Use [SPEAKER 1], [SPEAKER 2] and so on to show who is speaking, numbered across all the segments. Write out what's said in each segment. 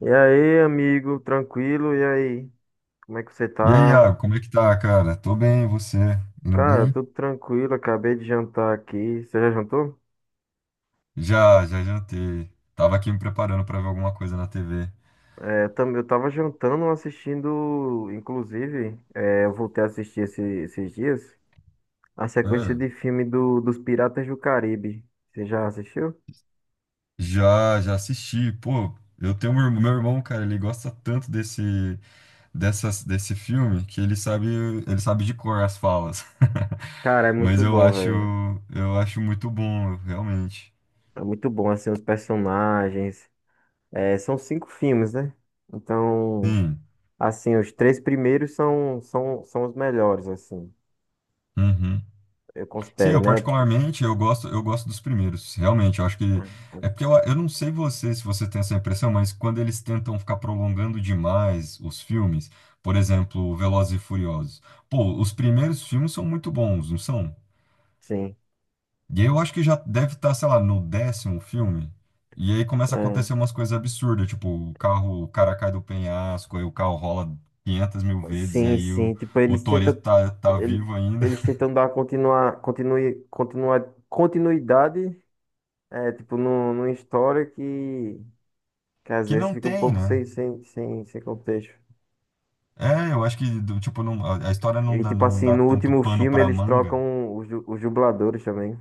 [SPEAKER 1] E aí, amigo, tranquilo? E aí, como é que você
[SPEAKER 2] E aí,
[SPEAKER 1] tá?
[SPEAKER 2] Iago, como é que tá, cara? Tô bem, e você? Indo
[SPEAKER 1] Cara,
[SPEAKER 2] bem?
[SPEAKER 1] tudo tranquilo, acabei de jantar aqui. Você já jantou?
[SPEAKER 2] Já jantei. Tava aqui me preparando pra ver alguma coisa na TV.
[SPEAKER 1] É, eu também, eu tava jantando, assistindo, inclusive, eu voltei a assistir esses dias, a sequência
[SPEAKER 2] Ah,
[SPEAKER 1] de filme dos Piratas do Caribe. Você já assistiu?
[SPEAKER 2] já assisti. Pô, eu tenho um irmão, meu irmão, cara, ele gosta tanto desse filme que ele sabe de cor as falas.
[SPEAKER 1] Cara, é
[SPEAKER 2] Mas
[SPEAKER 1] muito bom, velho.
[SPEAKER 2] eu acho muito bom, realmente.
[SPEAKER 1] É muito bom, assim, os personagens. É, são cinco filmes, né? Então,
[SPEAKER 2] Sim.
[SPEAKER 1] assim, os três primeiros são os melhores, assim,
[SPEAKER 2] Uhum.
[SPEAKER 1] eu
[SPEAKER 2] Sim,
[SPEAKER 1] considero,
[SPEAKER 2] eu
[SPEAKER 1] né?
[SPEAKER 2] particularmente, eu gosto dos primeiros, realmente, eu acho que, é porque eu não sei você, se você tem essa impressão, mas quando eles tentam ficar prolongando demais os filmes, por exemplo, Velozes e Furiosos, pô, os primeiros filmes são muito bons, não são?
[SPEAKER 1] Sim,
[SPEAKER 2] E aí eu acho que já deve estar, sei lá, no décimo filme, e aí começa a
[SPEAKER 1] é.
[SPEAKER 2] acontecer umas coisas absurdas, tipo, o carro, o cara cai do penhasco, aí o carro rola 500 mil vezes, e
[SPEAKER 1] Sim,
[SPEAKER 2] aí o,
[SPEAKER 1] sim. Tipo,
[SPEAKER 2] o
[SPEAKER 1] eles tentam,
[SPEAKER 2] Toretto tá
[SPEAKER 1] ele-
[SPEAKER 2] vivo ainda,
[SPEAKER 1] eles tentam dar continuidade, é, tipo, no, numa história que às
[SPEAKER 2] que
[SPEAKER 1] vezes
[SPEAKER 2] não
[SPEAKER 1] fica um
[SPEAKER 2] tem,
[SPEAKER 1] pouco
[SPEAKER 2] né?
[SPEAKER 1] sem contexto.
[SPEAKER 2] É, eu acho que, do- tipo, não, a história não
[SPEAKER 1] E,
[SPEAKER 2] dá,
[SPEAKER 1] tipo assim, no
[SPEAKER 2] tanto
[SPEAKER 1] último
[SPEAKER 2] pano
[SPEAKER 1] filme
[SPEAKER 2] pra
[SPEAKER 1] eles
[SPEAKER 2] manga.
[SPEAKER 1] trocam os dubladores também.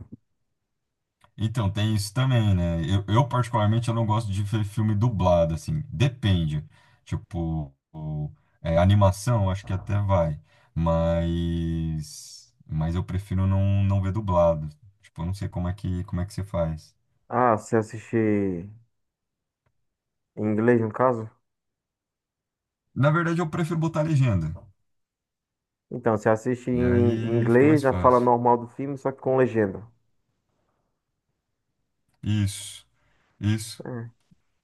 [SPEAKER 2] Então, tem isso também, né? Particularmente, eu não gosto de ver filme dublado, assim. Depende. Tipo, o- É, animação, acho que até vai. Mas eu prefiro não ver dublado. Tipo, eu não sei como é que você faz.
[SPEAKER 1] Ah, você assiste em inglês, no caso?
[SPEAKER 2] Na verdade, eu prefiro botar legenda.
[SPEAKER 1] Então, você assiste
[SPEAKER 2] E
[SPEAKER 1] em
[SPEAKER 2] aí fica
[SPEAKER 1] inglês,
[SPEAKER 2] mais
[SPEAKER 1] já fala
[SPEAKER 2] fácil.
[SPEAKER 1] normal do filme, só que com legenda.
[SPEAKER 2] Isso, isso.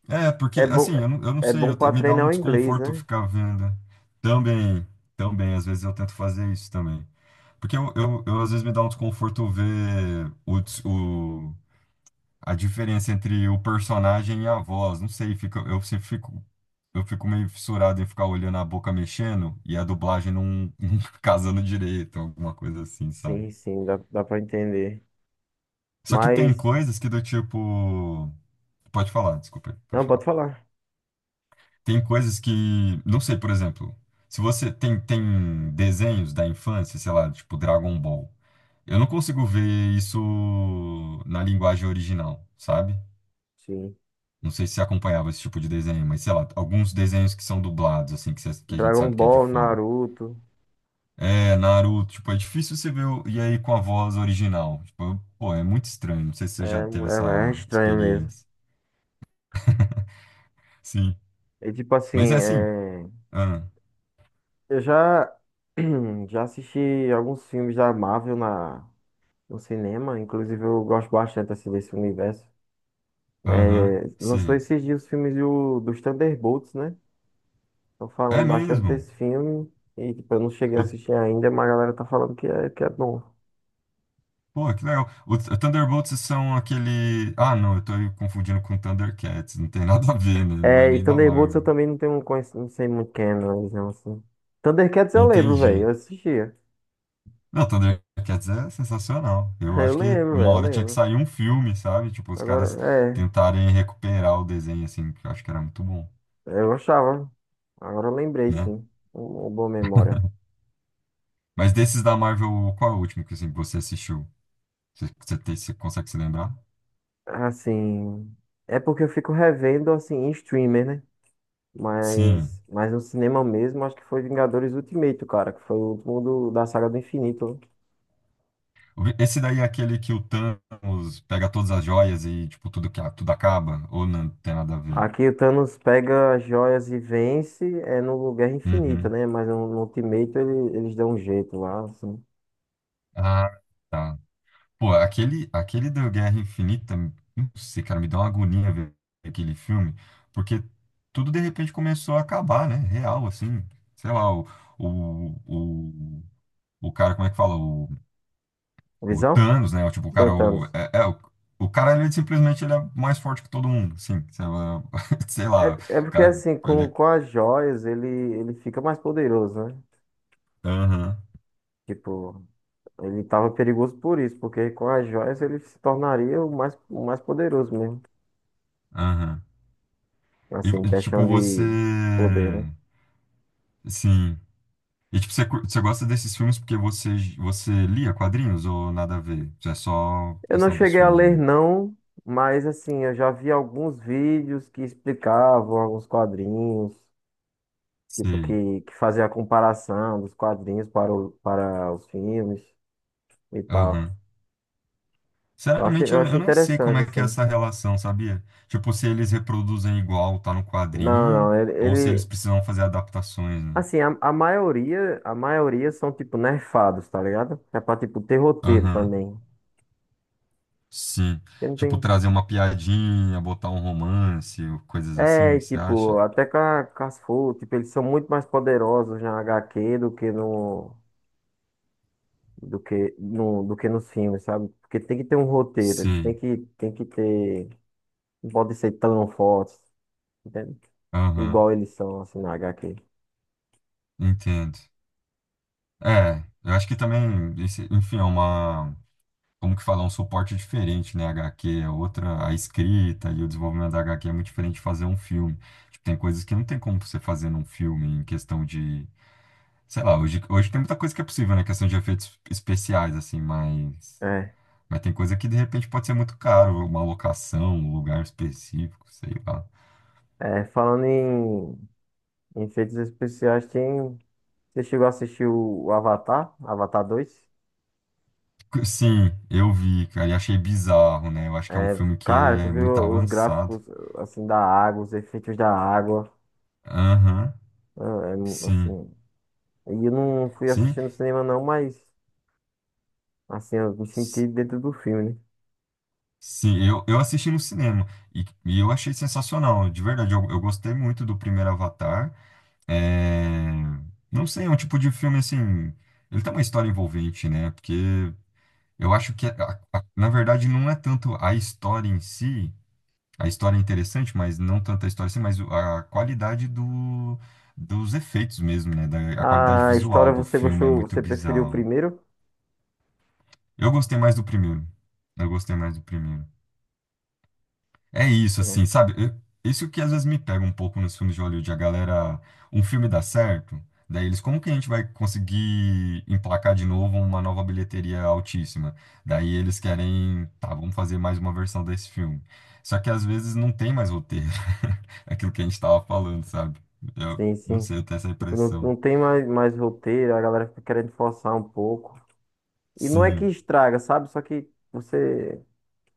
[SPEAKER 2] É, porque
[SPEAKER 1] É,
[SPEAKER 2] assim, eu não
[SPEAKER 1] é
[SPEAKER 2] sei,
[SPEAKER 1] bom
[SPEAKER 2] eu,
[SPEAKER 1] pra
[SPEAKER 2] me dá
[SPEAKER 1] treinar
[SPEAKER 2] um
[SPEAKER 1] o inglês,
[SPEAKER 2] desconforto
[SPEAKER 1] né?
[SPEAKER 2] ficar vendo. Também, também, às vezes eu tento fazer isso também. Porque eu, às vezes me dá um desconforto ver o, a diferença entre o personagem e a voz. Não sei, fica, eu fico meio fissurado em ficar olhando a boca mexendo e a dublagem não, não casando direito, alguma coisa assim, sabe?
[SPEAKER 1] Sim, sim, dá pra entender.
[SPEAKER 2] Só que tem
[SPEAKER 1] Mas.
[SPEAKER 2] coisas que do tipo. Pode falar, desculpa, aí,
[SPEAKER 1] Não,
[SPEAKER 2] pode
[SPEAKER 1] pode
[SPEAKER 2] falar.
[SPEAKER 1] falar.
[SPEAKER 2] Tem coisas que, não sei, por exemplo, se você tem desenhos da infância, sei lá, tipo Dragon Ball, eu não consigo ver isso na linguagem original, sabe?
[SPEAKER 1] Sim.
[SPEAKER 2] Não sei se você acompanhava esse tipo de desenho, mas sei lá, alguns desenhos que são dublados, assim, que a gente
[SPEAKER 1] Dragon
[SPEAKER 2] sabe que é de
[SPEAKER 1] Ball,
[SPEAKER 2] fora.
[SPEAKER 1] Naruto.
[SPEAKER 2] É, Naruto, tipo, é difícil você e aí com a voz original. Tipo, pô, é muito estranho. Não sei se você já teve
[SPEAKER 1] É
[SPEAKER 2] essa
[SPEAKER 1] estranho mesmo.
[SPEAKER 2] experiência. Sim.
[SPEAKER 1] E tipo assim,
[SPEAKER 2] Mas é assim.
[SPEAKER 1] é,
[SPEAKER 2] Ah,
[SPEAKER 1] eu já, já assisti alguns filmes da Marvel no cinema. Inclusive, eu gosto bastante assim, desse universo.
[SPEAKER 2] aham,
[SPEAKER 1] É, lançou
[SPEAKER 2] sei.
[SPEAKER 1] esses dias os filmes dos Thunderbolts, né? Estão
[SPEAKER 2] É
[SPEAKER 1] falando bastante
[SPEAKER 2] mesmo.
[SPEAKER 1] desse filme. E tipo, eu não cheguei a
[SPEAKER 2] Eu...
[SPEAKER 1] assistir ainda, mas a galera tá falando que é bom.
[SPEAKER 2] Pô, que legal. Thunderbolts são aquele. Ah, não, eu tô confundindo com Thundercats. Não tem nada a ver, né? Não é
[SPEAKER 1] É, e
[SPEAKER 2] nem da
[SPEAKER 1] Thunderbolts eu
[SPEAKER 2] Marvel.
[SPEAKER 1] também não tenho um não sei muito quem é, não, eles não, assim. Thundercats eu lembro, velho,
[SPEAKER 2] Entendi.
[SPEAKER 1] eu assistia.
[SPEAKER 2] Não, Thundercats é sensacional. Eu
[SPEAKER 1] Eu
[SPEAKER 2] acho que
[SPEAKER 1] lembro,
[SPEAKER 2] uma
[SPEAKER 1] velho, eu
[SPEAKER 2] hora tinha que
[SPEAKER 1] lembro.
[SPEAKER 2] sair um filme, sabe? Tipo, os
[SPEAKER 1] Agora,
[SPEAKER 2] caras
[SPEAKER 1] é,
[SPEAKER 2] tentarem recuperar o desenho, assim, que eu acho que era muito bom,
[SPEAKER 1] eu gostava. Agora eu lembrei,
[SPEAKER 2] né?
[SPEAKER 1] sim. Uma boa memória.
[SPEAKER 2] Mas desses da Marvel, qual é o último que assim, você assistiu? Você consegue se lembrar?
[SPEAKER 1] Assim, é porque eu fico revendo, assim, em streamer, né?
[SPEAKER 2] Sim.
[SPEAKER 1] Mas no cinema mesmo, acho que foi Vingadores Ultimato, cara, que foi o último da saga do infinito, né?
[SPEAKER 2] Esse daí é aquele que o Thanos pega todas as joias e, tipo, tudo, tudo acaba? Ou não tem nada a ver?
[SPEAKER 1] Aqui o Thanos pega as joias e vence, é no Guerra Infinita,
[SPEAKER 2] Uhum.
[SPEAKER 1] né? Mas no Ultimato eles dão um jeito lá, assim.
[SPEAKER 2] Ah, tá. Pô, aquele do Guerra Infinita, não sei, cara, me deu uma agonia ver aquele filme, porque tudo de repente começou a acabar, né? Real, assim. Sei lá, o, o, o cara, como é que fala? O
[SPEAKER 1] Visão?
[SPEAKER 2] Thanos, né? O, tipo,
[SPEAKER 1] Sim, o Thanos.
[SPEAKER 2] o cara, ele simplesmente ele é mais forte que todo mundo, sim. Sei lá, sei lá,
[SPEAKER 1] É, é
[SPEAKER 2] o
[SPEAKER 1] porque
[SPEAKER 2] cara,
[SPEAKER 1] assim,
[SPEAKER 2] ele é.
[SPEAKER 1] com as joias ele fica mais poderoso, né?
[SPEAKER 2] Aham,
[SPEAKER 1] Tipo, ele tava perigoso por isso, porque com as joias ele se tornaria o mais poderoso mesmo.
[SPEAKER 2] aham. E,
[SPEAKER 1] Assim,
[SPEAKER 2] tipo,
[SPEAKER 1] questão
[SPEAKER 2] você.
[SPEAKER 1] de poder, né?
[SPEAKER 2] Sim. E tipo, você, você gosta desses filmes porque você, você lia quadrinhos ou nada a ver? É só
[SPEAKER 1] Eu não
[SPEAKER 2] questão dos
[SPEAKER 1] cheguei a
[SPEAKER 2] filmes
[SPEAKER 1] ler,
[SPEAKER 2] mesmo.
[SPEAKER 1] não, mas assim, eu já vi alguns vídeos que explicavam, alguns quadrinhos. Tipo,
[SPEAKER 2] Sei.
[SPEAKER 1] que fazia a comparação dos quadrinhos para, o, para os filmes e tal.
[SPEAKER 2] Aham. Sinceramente,
[SPEAKER 1] Eu
[SPEAKER 2] eu
[SPEAKER 1] achei
[SPEAKER 2] nem sei como
[SPEAKER 1] interessante,
[SPEAKER 2] é que é
[SPEAKER 1] assim.
[SPEAKER 2] essa relação, sabia? Tipo, se eles reproduzem igual tá no
[SPEAKER 1] Não,
[SPEAKER 2] quadrinho,
[SPEAKER 1] não, ele,
[SPEAKER 2] ou se eles
[SPEAKER 1] ele-
[SPEAKER 2] precisam fazer adaptações, né?
[SPEAKER 1] Assim, a maioria são, tipo, nerfados, tá ligado? É pra, tipo, ter roteiro
[SPEAKER 2] Aham.
[SPEAKER 1] também.
[SPEAKER 2] Sim.
[SPEAKER 1] Porque não
[SPEAKER 2] Tipo,
[SPEAKER 1] tem…
[SPEAKER 2] trazer uma piadinha, botar um romance, ou coisas
[SPEAKER 1] É,
[SPEAKER 2] assim,
[SPEAKER 1] e,
[SPEAKER 2] você
[SPEAKER 1] tipo,
[SPEAKER 2] acha?
[SPEAKER 1] até com com as tipo, eles são muito mais poderosos na HQ do que no… Do que, no, do que nos filmes, sabe? Porque tem que ter um roteiro,
[SPEAKER 2] Sei.
[SPEAKER 1] tem que ter. Não pode ser tão forte, entende?
[SPEAKER 2] Aham.
[SPEAKER 1] Igual eles são, assim, na HQ.
[SPEAKER 2] Entendo. É, eu acho que também, esse... enfim, é uma... como que falar, um suporte diferente, né? HQ é outra, a escrita e o desenvolvimento da HQ é muito diferente de fazer um filme. Tipo, tem coisas que não tem como você fazer num filme em questão de, sei lá, hoje tem muita coisa que é possível, né? Questão de efeitos especiais, assim,
[SPEAKER 1] É,
[SPEAKER 2] mas tem coisa que de repente pode ser muito caro, uma locação, um lugar específico, sei lá.
[SPEAKER 1] é, falando em, em efeitos especiais, tem… Você chegou a assistir o Avatar, Avatar dois?
[SPEAKER 2] Sim, eu vi, cara, e achei bizarro, né? Eu acho que é um
[SPEAKER 1] É,
[SPEAKER 2] filme que
[SPEAKER 1] cara, tu
[SPEAKER 2] é muito
[SPEAKER 1] viu os
[SPEAKER 2] avançado.
[SPEAKER 1] gráficos, assim, da água, os efeitos da água,
[SPEAKER 2] Aham,
[SPEAKER 1] é,
[SPEAKER 2] sim,
[SPEAKER 1] assim… E eu não fui
[SPEAKER 2] sim.
[SPEAKER 1] assistindo cinema não, mas, assim, eu me senti dentro do filme, né?
[SPEAKER 2] Sim, eu assisti no cinema e, eu achei sensacional, de verdade. Eu gostei muito do primeiro Avatar. É... Não sei, é um tipo de filme assim. Ele tem uma história envolvente, né? Porque eu acho que, na verdade, não é tanto a história em si, a história é interessante, mas não tanto a história em si, mas a qualidade dos efeitos mesmo, né? Da, a qualidade
[SPEAKER 1] A história,
[SPEAKER 2] visual do
[SPEAKER 1] você
[SPEAKER 2] filme é
[SPEAKER 1] gostou,
[SPEAKER 2] muito
[SPEAKER 1] você preferiu o
[SPEAKER 2] bizarro.
[SPEAKER 1] primeiro?
[SPEAKER 2] Eu gostei mais do primeiro. Eu gostei mais do primeiro. É isso,
[SPEAKER 1] É,
[SPEAKER 2] assim, sabe? Eu... isso que às vezes me pega um pouco nos filmes de Hollywood, a galera, um filme dá certo, daí eles, como que a gente vai conseguir emplacar de novo uma nova bilheteria altíssima? Daí eles querem, tá, vamos fazer mais uma versão desse filme. Só que às vezes não tem mais roteiro, aquilo que a gente tava falando, sabe? Eu
[SPEAKER 1] sim,
[SPEAKER 2] não
[SPEAKER 1] sim.
[SPEAKER 2] sei, eu tenho essa
[SPEAKER 1] Tipo, não,
[SPEAKER 2] impressão.
[SPEAKER 1] não tem mais roteiro, a galera fica querendo forçar um pouco. E não é que
[SPEAKER 2] Sim.
[SPEAKER 1] estraga, sabe? Só que você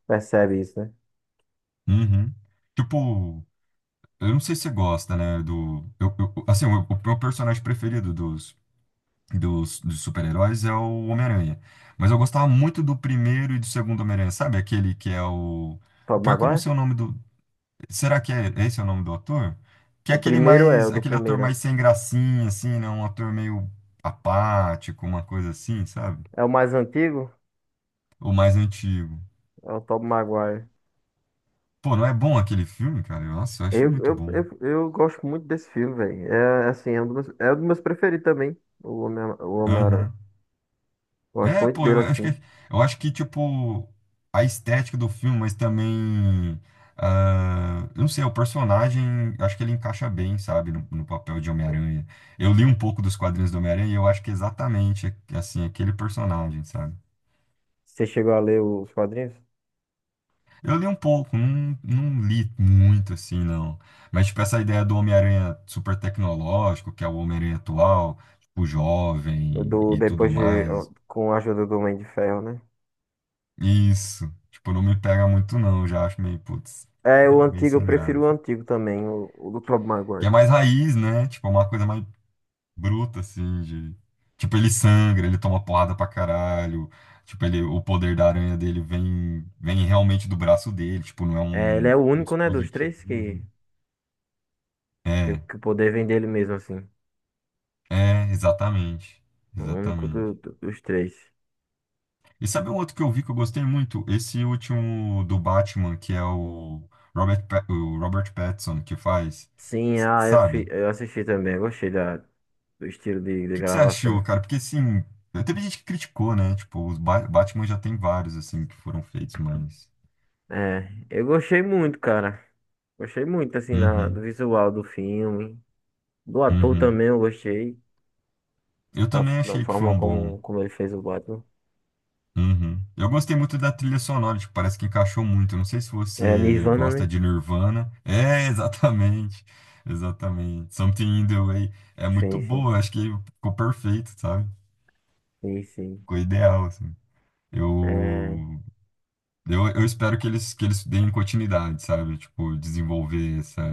[SPEAKER 1] percebe isso, né?
[SPEAKER 2] Uhum. Tipo, eu não sei se você gosta, né, do... assim, o meu personagem preferido dos super-heróis é o Homem-Aranha. Mas eu gostava muito do primeiro e do segundo Homem-Aranha, sabe? Aquele que é o...
[SPEAKER 1] Tobey
[SPEAKER 2] Pior que eu não
[SPEAKER 1] Maguire?
[SPEAKER 2] sei o nome do... Será que é esse é o nome do ator? Que é
[SPEAKER 1] O
[SPEAKER 2] aquele
[SPEAKER 1] primeiro é, o
[SPEAKER 2] mais...
[SPEAKER 1] do
[SPEAKER 2] Aquele ator
[SPEAKER 1] primeiro.
[SPEAKER 2] mais sem gracinha, assim, né? Um ator meio apático, uma coisa assim, sabe?
[SPEAKER 1] É o mais antigo?
[SPEAKER 2] O mais antigo.
[SPEAKER 1] É o Tobey Maguire.
[SPEAKER 2] Pô, não é bom aquele filme, cara? Eu... Nossa, eu acho muito bom.
[SPEAKER 1] Eu gosto muito desse filme, velho. É assim, é um dos meus preferidos também, o Homem-Aranha.
[SPEAKER 2] Aham.
[SPEAKER 1] Gosto
[SPEAKER 2] É,
[SPEAKER 1] muito
[SPEAKER 2] pô,
[SPEAKER 1] dele, assim.
[SPEAKER 2] eu acho que, tipo, a estética do filme, mas também, ah, eu não sei, o personagem, eu acho que ele encaixa bem, sabe, no papel de Homem-Aranha. Eu li um pouco dos quadrinhos do Homem-Aranha e eu acho que é exatamente, assim, aquele personagem, sabe?
[SPEAKER 1] Você chegou a ler os quadrinhos?
[SPEAKER 2] Eu li um pouco, não li muito, assim, não. Mas, tipo, essa ideia do Homem-Aranha super tecnológico, que é o Homem-Aranha atual, tipo, jovem
[SPEAKER 1] Do,
[SPEAKER 2] e tudo
[SPEAKER 1] depois de.
[SPEAKER 2] mais,
[SPEAKER 1] Com a ajuda do Homem de Ferro, né?
[SPEAKER 2] isso. Tipo, não me pega muito, não. Eu já acho meio, putz,
[SPEAKER 1] É, o
[SPEAKER 2] né, meio
[SPEAKER 1] antigo, eu
[SPEAKER 2] sem
[SPEAKER 1] prefiro o
[SPEAKER 2] graça.
[SPEAKER 1] antigo também, o do Tobey
[SPEAKER 2] Que
[SPEAKER 1] Maguire.
[SPEAKER 2] é mais raiz, né? Tipo, é uma coisa mais bruta, assim, de... Tipo, ele sangra, ele toma porrada pra caralho. Tipo, ele, o poder da aranha dele vem, vem realmente do braço dele. Tipo, não é
[SPEAKER 1] É, ele é o
[SPEAKER 2] um
[SPEAKER 1] único, né, dos
[SPEAKER 2] dispositivo.
[SPEAKER 1] três
[SPEAKER 2] É,
[SPEAKER 1] que o poder vem dele mesmo, assim.
[SPEAKER 2] exatamente.
[SPEAKER 1] O único
[SPEAKER 2] Exatamente.
[SPEAKER 1] dos três.
[SPEAKER 2] E sabe um outro que eu vi que eu gostei muito? Esse último do Batman, que é o o Robert Pattinson que faz,
[SPEAKER 1] Sim,
[SPEAKER 2] s-
[SPEAKER 1] ah,
[SPEAKER 2] sabe?
[SPEAKER 1] eu assisti também. Eu gostei da, do estilo de
[SPEAKER 2] Que você achou,
[SPEAKER 1] gravação.
[SPEAKER 2] cara? Porque assim, teve gente que criticou, né? Tipo, Batman já tem vários assim que foram feitos, mas...
[SPEAKER 1] É, eu gostei muito, cara. Gostei muito, assim, da,
[SPEAKER 2] Uhum,
[SPEAKER 1] do visual do filme. Do ator
[SPEAKER 2] uhum.
[SPEAKER 1] também eu gostei.
[SPEAKER 2] Eu
[SPEAKER 1] Da,
[SPEAKER 2] também
[SPEAKER 1] da
[SPEAKER 2] achei que foi
[SPEAKER 1] forma
[SPEAKER 2] um bom...
[SPEAKER 1] como, como ele fez o Batman.
[SPEAKER 2] Uhum. Eu gostei muito da trilha sonora, tipo, parece que encaixou muito. Eu não sei se
[SPEAKER 1] É,
[SPEAKER 2] você
[SPEAKER 1] Nirvana,
[SPEAKER 2] gosta
[SPEAKER 1] né?
[SPEAKER 2] de Nirvana. É, exatamente. Exatamente. Something in the Way. É muito
[SPEAKER 1] Sim, sim.
[SPEAKER 2] boa, eu acho que ficou perfeito, sabe?
[SPEAKER 1] Sim, sim.
[SPEAKER 2] Ficou ideal, assim.
[SPEAKER 1] É,
[SPEAKER 2] Eu... eu espero que eles, deem continuidade, sabe? Tipo, desenvolver essa,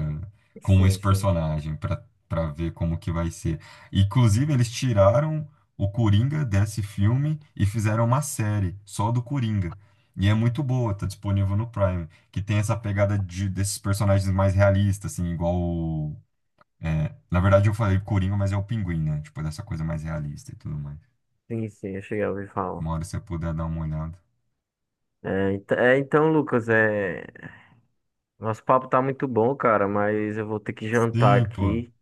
[SPEAKER 2] com
[SPEAKER 1] sim,
[SPEAKER 2] esse
[SPEAKER 1] sim.
[SPEAKER 2] personagem pra para ver como que vai ser. Inclusive, eles tiraram o Coringa desse filme e fizeram uma série só do Coringa. E é muito boa, tá disponível no Prime, que tem essa pegada de, desses personagens mais realistas, assim, igual o, é, na verdade, eu falei Coringa, mas é o Pinguim, né? Tipo, dessa coisa mais realista e tudo mais.
[SPEAKER 1] Sim, sim, eu cheguei a ouvir falar.
[SPEAKER 2] Uma hora se você puder dar uma olhada.
[SPEAKER 1] É, é, então, Lucas, é, nosso papo tá muito bom, cara, mas eu vou ter que jantar
[SPEAKER 2] Sim, pô.
[SPEAKER 1] aqui.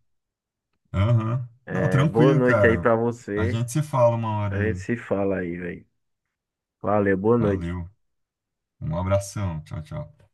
[SPEAKER 2] Aham. Não,
[SPEAKER 1] É, boa
[SPEAKER 2] tranquilo,
[SPEAKER 1] noite aí
[SPEAKER 2] cara.
[SPEAKER 1] pra
[SPEAKER 2] A
[SPEAKER 1] você.
[SPEAKER 2] gente se fala uma
[SPEAKER 1] A
[SPEAKER 2] hora
[SPEAKER 1] gente
[SPEAKER 2] aí.
[SPEAKER 1] se fala aí, velho. Valeu, boa noite.
[SPEAKER 2] Valeu. Um abração. Tchau, tchau.